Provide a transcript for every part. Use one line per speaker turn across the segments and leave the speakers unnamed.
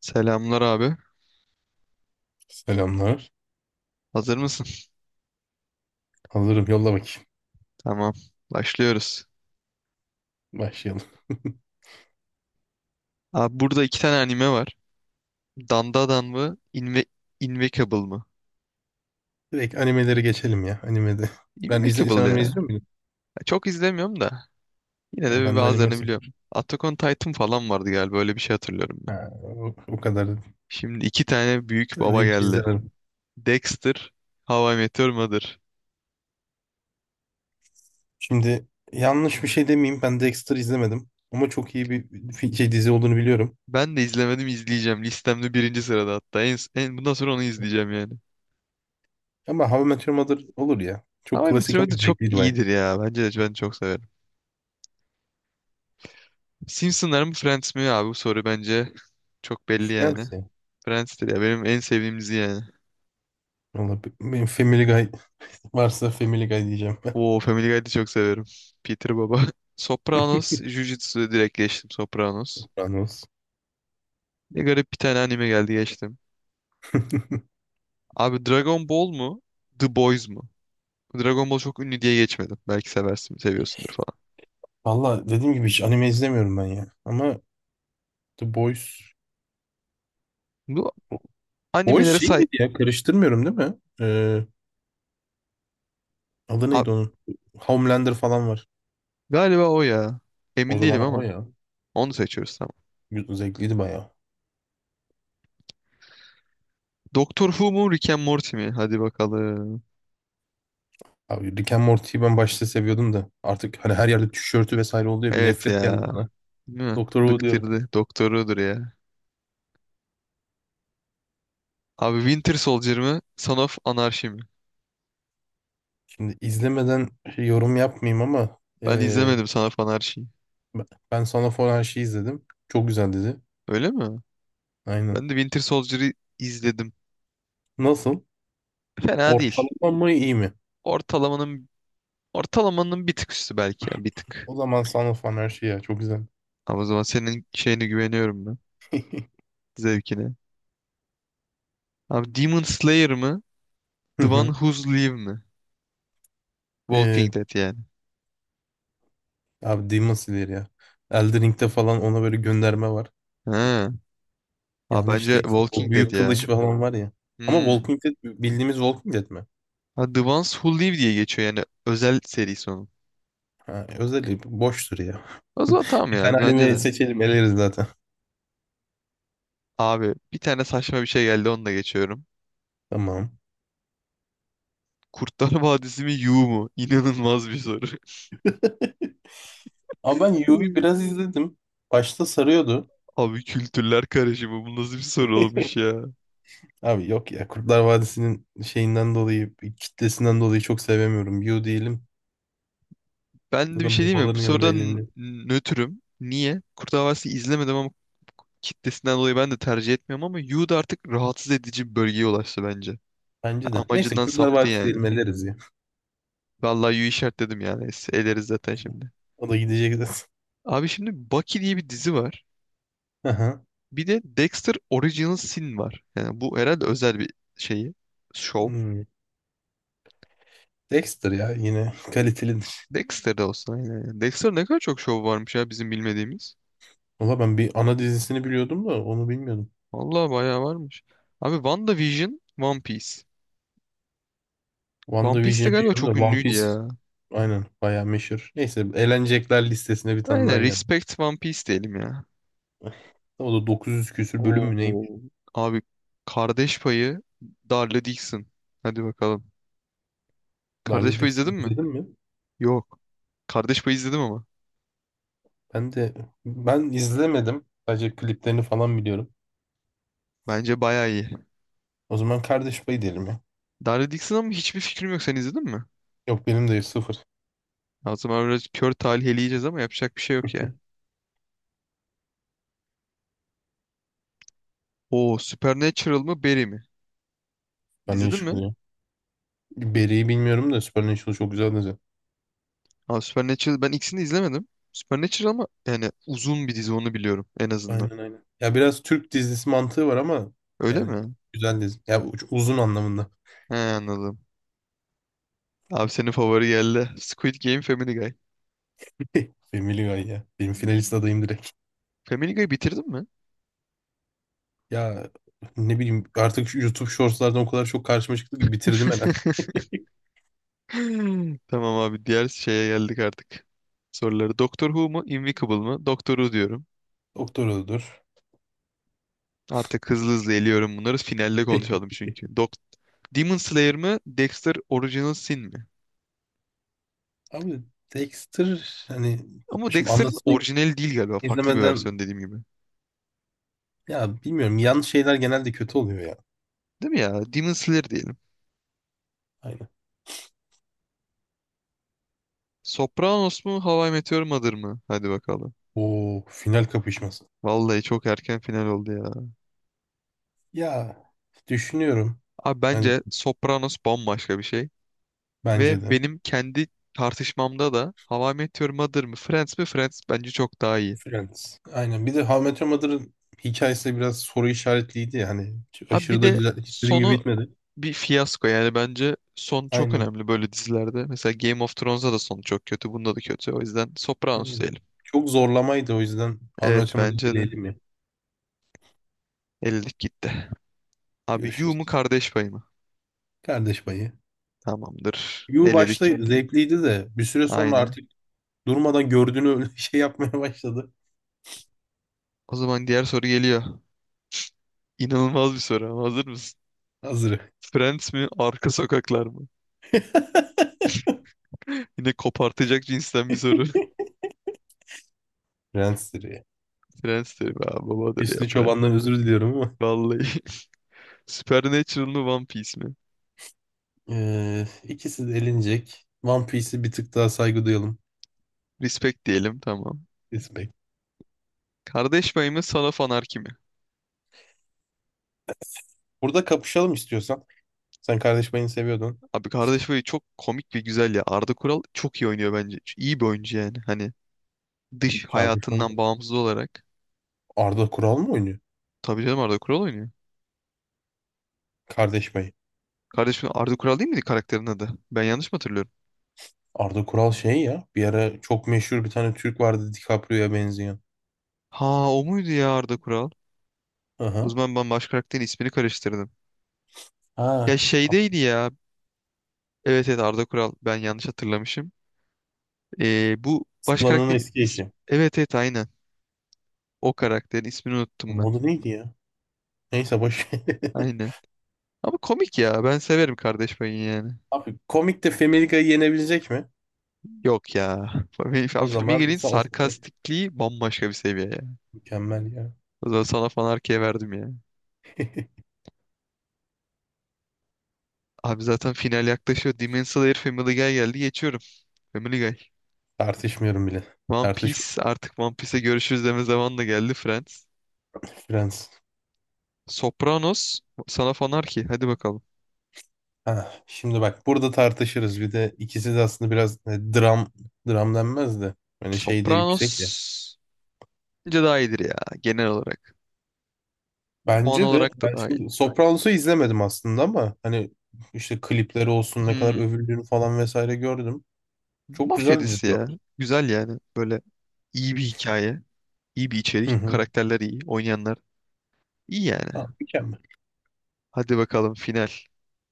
Selamlar abi.
Selamlar.
Hazır mısın?
Hazırım. Yolla bakayım.
Tamam. Başlıyoruz.
Başlayalım.
Abi burada iki tane anime var. Dandadan mı? Invincible mı?
Direkt animelere geçelim ya. Animede. Ben izle, sen
Invincible
anime
ya.
izliyor muydun?
Çok izlemiyorum da. Yine de
Ha,
bir
ben de anime
bazılarını
sıfır.
biliyorum. Attack on Titan falan vardı galiba. Öyle bir şey hatırlıyorum ben.
Ha, o kadar.
Şimdi iki tane büyük
Evet,
baba
hiç
geldi.
izlemedim.
Dexter, How I Met Your Mother.
Şimdi yanlış bir şey demeyeyim. Ben Dexter izlemedim. Ama çok iyi bir dizi olduğunu biliyorum.
Ben de izlemedim izleyeceğim. Listemde birinci sırada hatta. Bundan sonra onu izleyeceğim yani.
Ama How I Met Your Mother olur ya.
How
Çok
I Met
klasik
Your
ama
Mother çok
zevkliydi bayağı.
iyidir ya. Bence de ben çok severim. Simpsonlar mı Friends mi abi bu soru bence çok belli
Yani
yani. Friends'tir ya benim en sevdiğim dizi yani.
Valla benim Family Guy varsa Family Guy diyeceğim ben.
Oo Family Guy'ı da çok severim. Peter Baba. Sopranos, Jujutsu'ya direkt geçtim Sopranos.
Kur'an olsun.
Ne garip bir tane anime geldi geçtim. Abi Dragon Ball mu? The Boys mu? Dragon Ball çok ünlü diye geçmedim. Belki seversin, seviyorsundur falan.
Valla dediğim gibi hiç anime izlemiyorum ben ya. Ama The Boys.
Bu
O
animelere
şey
say...
miydi ya? Karıştırmıyorum değil mi? Ee, Adı
Abi,
neydi onun? Homelander falan var.
galiba o ya.
O
Emin değilim
zaman o
ama.
ya.
Onu seçiyoruz tamam.
Zevkliydi bayağı.
Doctor Who mu Rick and Morty mi? Hadi bakalım.
Abi Rick and Morty'yi ben başta seviyordum da artık hani her yerde tişörtü vesaire oluyor bir
Evet
nefret
ya.
geldi bana.
Değil mi?
Doktor Who diyorum.
Bıktırdı. Doktorudur ya. Abi Winter Soldier mı? Son of Anarchy mi?
Şimdi izlemeden yorum yapmayayım ama
Ben
ee,
izlemedim Son of Anarchy'yi.
ben sana falan şey izledim. Çok güzel dedi.
Öyle mi?
Aynen.
Ben de Winter Soldier'ı izledim.
Nasıl?
Fena değil.
Ortalama mı iyi mi?
Ortalamanın ortalamanın bir tık üstü belki ya bir tık.
O zaman sana falan her şey ya çok güzel.
Ama o zaman senin şeyine güveniyorum ben. Zevkine. Abi Demon Slayer mı?
Hı
The One
hı.
Who's Live mi? Walking
Ee,
Dead yani.
Abi Demon Slayer ya. Elden Ring'de falan ona böyle gönderme var.
Ha. Abi
Yanlış
bence
değil.
Walking
O
Dead
büyük
ya.
kılıç falan var ya. Ama
Hmm.
Walking Dead bildiğimiz Walking Dead mi?
Ha, The Ones Who Live diye geçiyor yani özel serisi onun.
Ha, özelliği boştur ya.
O zaman tamam
Bir
ya
tane
bence
anime
de.
seçelim eleriz zaten.
Abi bir tane saçma bir şey geldi onu da geçiyorum.
Tamam.
Kurtlar Vadisi mi Yu mu? İnanılmaz bir soru.
Ama ben Yu'yu
Hmm.
biraz izledim. Başta sarıyordu.
Abi kültürler karışımı bu nasıl bir soru olmuş ya.
Abi yok ya, Kurtlar Vadisi'nin şeyinden dolayı, kitlesinden dolayı çok sevemiyorum. Yu diyelim.
Ben de bir
Zaten
şey diyeyim mi?
babaların yanında elinde.
Nötrüm. Niye? Kurtlar Vadisi izlemedim ama kitlesinden dolayı ben de tercih etmiyorum ama Yu da artık rahatsız edici bir bölgeye ulaştı bence.
Bence de. Neyse
Amacından
Kurtlar
saptı
Vadisi diyelim,
yani.
eleriz ya.
Vallahi Yu işaretledim yani. Eleriz zaten şimdi.
O da gidecek zaten.
Abi şimdi Bucky diye bir dizi var.
Aha.
Bir de Dexter Original Sin var. Yani bu herhalde özel bir şeyi. Şov.
Hmm. Dexter ya yine kalitelidir.
Dexter'da olsa aynen. Yani. Dexter ne kadar çok şov varmış ya bizim bilmediğimiz.
Valla ben bir ana dizisini biliyordum da onu bilmiyordum.
Vallahi bayağı varmış. Abi WandaVision, One Piece. One Piece de
WandaVision'ı
galiba
biliyorum da
çok
One
ünlüydü
Piece
ya.
aynen bayağı meşhur. Neyse elenecekler listesine bir tane
Aynen
daha geldi.
Respect One Piece diyelim ya.
O da 900 küsür bölüm mü neymiş?
Oo. Abi Kardeş Payı, Darla Dixon. Hadi bakalım. Kardeş
Darlı
Payı
Dix'i
izledin mi?
izledin mi?
Yok. Kardeş Payı izledim ama.
Ben de ben izlemedim. Sadece kliplerini falan biliyorum.
Bence bayağı iyi.
O zaman kardeş payı diyelim ya.
Darla Dixon ama hiçbir fikrim yok. Sen izledin mi?
Yok, benim de sıfır.
Azam zaman biraz kör talih eleyeceğiz ama yapacak bir şey yok ya. Oo Supernatural mı Barry mi? İzledin
Supernatural
mi?
ya. Barry'i bilmiyorum da Supernatural çok güzel dizi.
Aa, Supernatural ben ikisini de izlemedim. Supernatural ama yani uzun bir dizi onu biliyorum en azından.
Aynen aynen. Ya biraz Türk dizisi mantığı var ama
Öyle
yani
mi?
güzel dizi. Ya uzun anlamında.
He anladım. Abi senin favori geldi. Squid Game Family Guy.
Family Guy ya. Benim finalist adayım direkt.
Family Guy bitirdin mi?
Ya ne bileyim, artık şu YouTube Shorts'lardan o kadar çok karşıma çıktı ki bitirdim hemen.
Hmm. Tamam abi diğer şeye geldik artık. Soruları Doctor Who mu Invincible mı? Doctor Who diyorum.
Doktor öldür.
Artık hızlı hızlı eliyorum bunları. Finalde konuşalım çünkü. Demon Slayer mı Dexter Original Sin mi?
Abi Dexter hani
Ama
şimdi
Dexter'ın
anlatsını
orijinali değil galiba. Farklı bir
izlemeden,
versiyon dediğim gibi.
ya bilmiyorum, yan şeyler genelde kötü oluyor ya.
Değil mi ya? Demon Slayer diyelim.
Aynen.
Sopranos mu? How I Met Your Mother mı? Hadi bakalım.
O final kapışması.
Vallahi çok erken final oldu ya.
Ya düşünüyorum.
Abi
Yani
bence Sopranos bambaşka bir şey.
bence
Ve
de.
benim kendi tartışmamda da How I Met Your Mother mı? Friends mi? Friends bence çok daha iyi.
Friends. Aynen. Bir de How I Met Your Mother'ın hikayesi de biraz soru işaretliydi yani.
Abi bir
Aşırı da
de
güzel. İstediğim gibi
sonu
bitmedi.
bir fiyasko. Yani bence son çok
Aynen.
önemli böyle dizilerde. Mesela Game of Thrones'da da sonu çok kötü. Bunda da kötü. O yüzden Sopranos
Yani
diyelim.
çok zorlamaydı, o yüzden abi
Evet
açamadı
bence de.
dileyelim ya.
Ellilik gitti. Abi Yu mu
Görüşürüz.
kardeş payı mı?
Kardeş payı.
Tamamdır.
Yu
Eledik
başta
gitti.
zevkliydi de bir süre sonra
Aynen.
artık durmadan gördüğünü öyle şey yapmaya başladı.
O zaman diğer soru geliyor. İnanılmaz bir soru ama hazır mısın?
Hazırı.
Friends mi? Arka sokaklar mı? Yine kopartacak cinsten bir soru.
Prensleri.
Friends diyor. Aa, babadır ya
Hüsnü
Friends.
Çoban'dan özür diliyorum ama.
Vallahi. Supernatural mı? One Piece mi?
İkisi de elenecek. One Piece'e bir tık daha saygı duyalım.
Respect diyelim tamam.
Respect.
Kardeş payı mı? Son of Anarchy mi?
Burada kapışalım istiyorsan. Sen Kardeş Payı'nı seviyordun.
Abi kardeş payı çok komik ve güzel ya. Arda Kural çok iyi oynuyor bence. İyi bir oyuncu yani. Hani dış
Kardeş Payı
hayatından bağımsız olarak.
Arda Kural mı oynuyor?
Tabii canım Arda Kural oynuyor.
Kardeş Payı.
Kardeşim Arda Kural değil miydi karakterin adı? Ben yanlış mı hatırlıyorum?
Arda Kural şey ya. Bir ara çok meşhur bir tane Türk vardı DiCaprio'ya benzeyen.
Ha o muydu ya Arda Kural? O
Aha.
zaman ben baş karakterin ismini karıştırdım.
Ha,
Ya şeydeydi ya. Evet evet Arda Kural. Ben yanlış hatırlamışım. Bu baş
Aslan'ın
karakter
eski
is-
eşi.
evet evet aynen. O karakterin ismini unuttum ben.
Onun adı neydi ya? Neyse boş ver.
Aynen. Ama komik ya. Ben severim kardeş payı yani.
Abi komik de Family Guy'ı yenebilecek mi?
Yok ya.
O zaman
Family'nin sarkastikliği bambaşka bir seviye ya.
mükemmel ya.
O zaman sana fan verdim ya. Abi zaten final yaklaşıyor. Demon Slayer Family Guy geldi. Geçiyorum. Family Guy.
Tartışmıyorum bile.
One
Tartış
Piece artık One Piece'e görüşürüz deme zamanı da geldi Friends.
Friends.
Sopranos sana fanar ki hadi bakalım.
Ha, şimdi bak burada tartışırız. Bir de ikisi de aslında biraz dram, denmez de. Hani şey de
Sopranos
yüksek ya.
bence daha iyidir ya genel olarak. Puan
Bence de.
olarak da
Ben
daha iyi.
şimdi Sopranos'u izlemedim aslında ama hani işte klipleri olsun, ne kadar
Hmm,
övüldüğünü falan vesaire gördüm. Çok
mafya
güzel dizi
dizisi ya.
diyorlar.
Güzel yani böyle iyi bir hikaye, iyi bir
Hı
içerik,
hı.
karakterler iyi, oynayanlar iyi yani.
Ha, mükemmel.
Hadi bakalım final.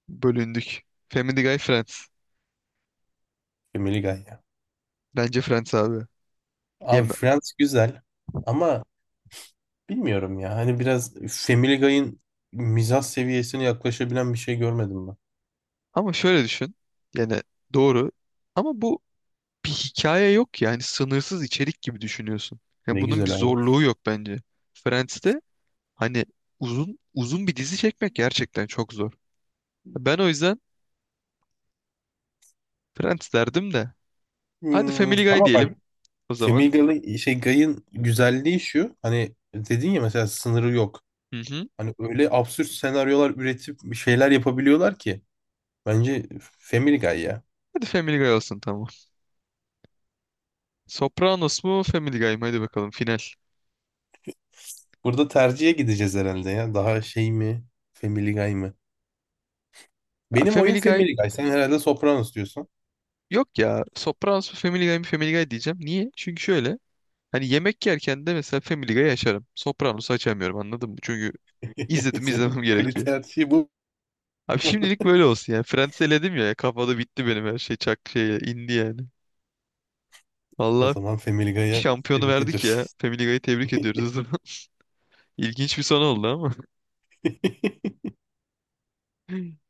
Bölündük. Family Guy Friends.
Family Guy ya.
Bence Friends abi.
Abi
Yeme-
Friends güzel ama bilmiyorum ya. Hani biraz Family Guy'ın mizah seviyesine yaklaşabilen bir şey görmedim ben.
Ama şöyle düşün. Yani doğru. Ama bu bir hikaye yok yani sınırsız içerik gibi düşünüyorsun. Yani
Ne
bunun bir
güzel abi.
zorluğu yok bence. Friends'te hani uzun uzun bir dizi çekmek gerçekten çok zor. Ben o yüzden Friends derdim de. Hadi
Hmm,
Family Guy
ama
diyelim
bak
o
Family
zaman.
Guy'ın şey Guy'ın güzelliği şu. Hani dedin ya, mesela sınırı yok.
Hı hı.
Hani öyle absürt senaryolar üretip bir şeyler yapabiliyorlar ki. Bence Family Guy ya.
Hadi Family Guy olsun tamam. Sopranos mu Family Guy mı? Hadi bakalım final.
Burada tercihe gideceğiz herhalde ya. Daha şey mi? Family Guy mı?
Ya
Benim oyun
Family Guy
Family Guy. Sen herhalde Sopranos diyorsun.
yok ya. Sopranos mu Family Guy mı Family Guy diyeceğim. Niye? Çünkü şöyle. Hani yemek yerken de mesela Family Guy açarım. Sopranos'u açamıyorum anladın mı? Çünkü izledim
Senin
izlemem gerekiyor.
kriter şey bu.
Abi
Mu?
şimdilik böyle olsun yani. Friends eledim ya. Kafada bitti benim her şey. Çak şeye indi yani.
O
Vallahi
zaman Family Guy'a
şampiyonu
tebrik
verdik ya.
ediyoruz.
Family Guy'ı tebrik ediyoruz o zaman. İlginç bir son oldu ama.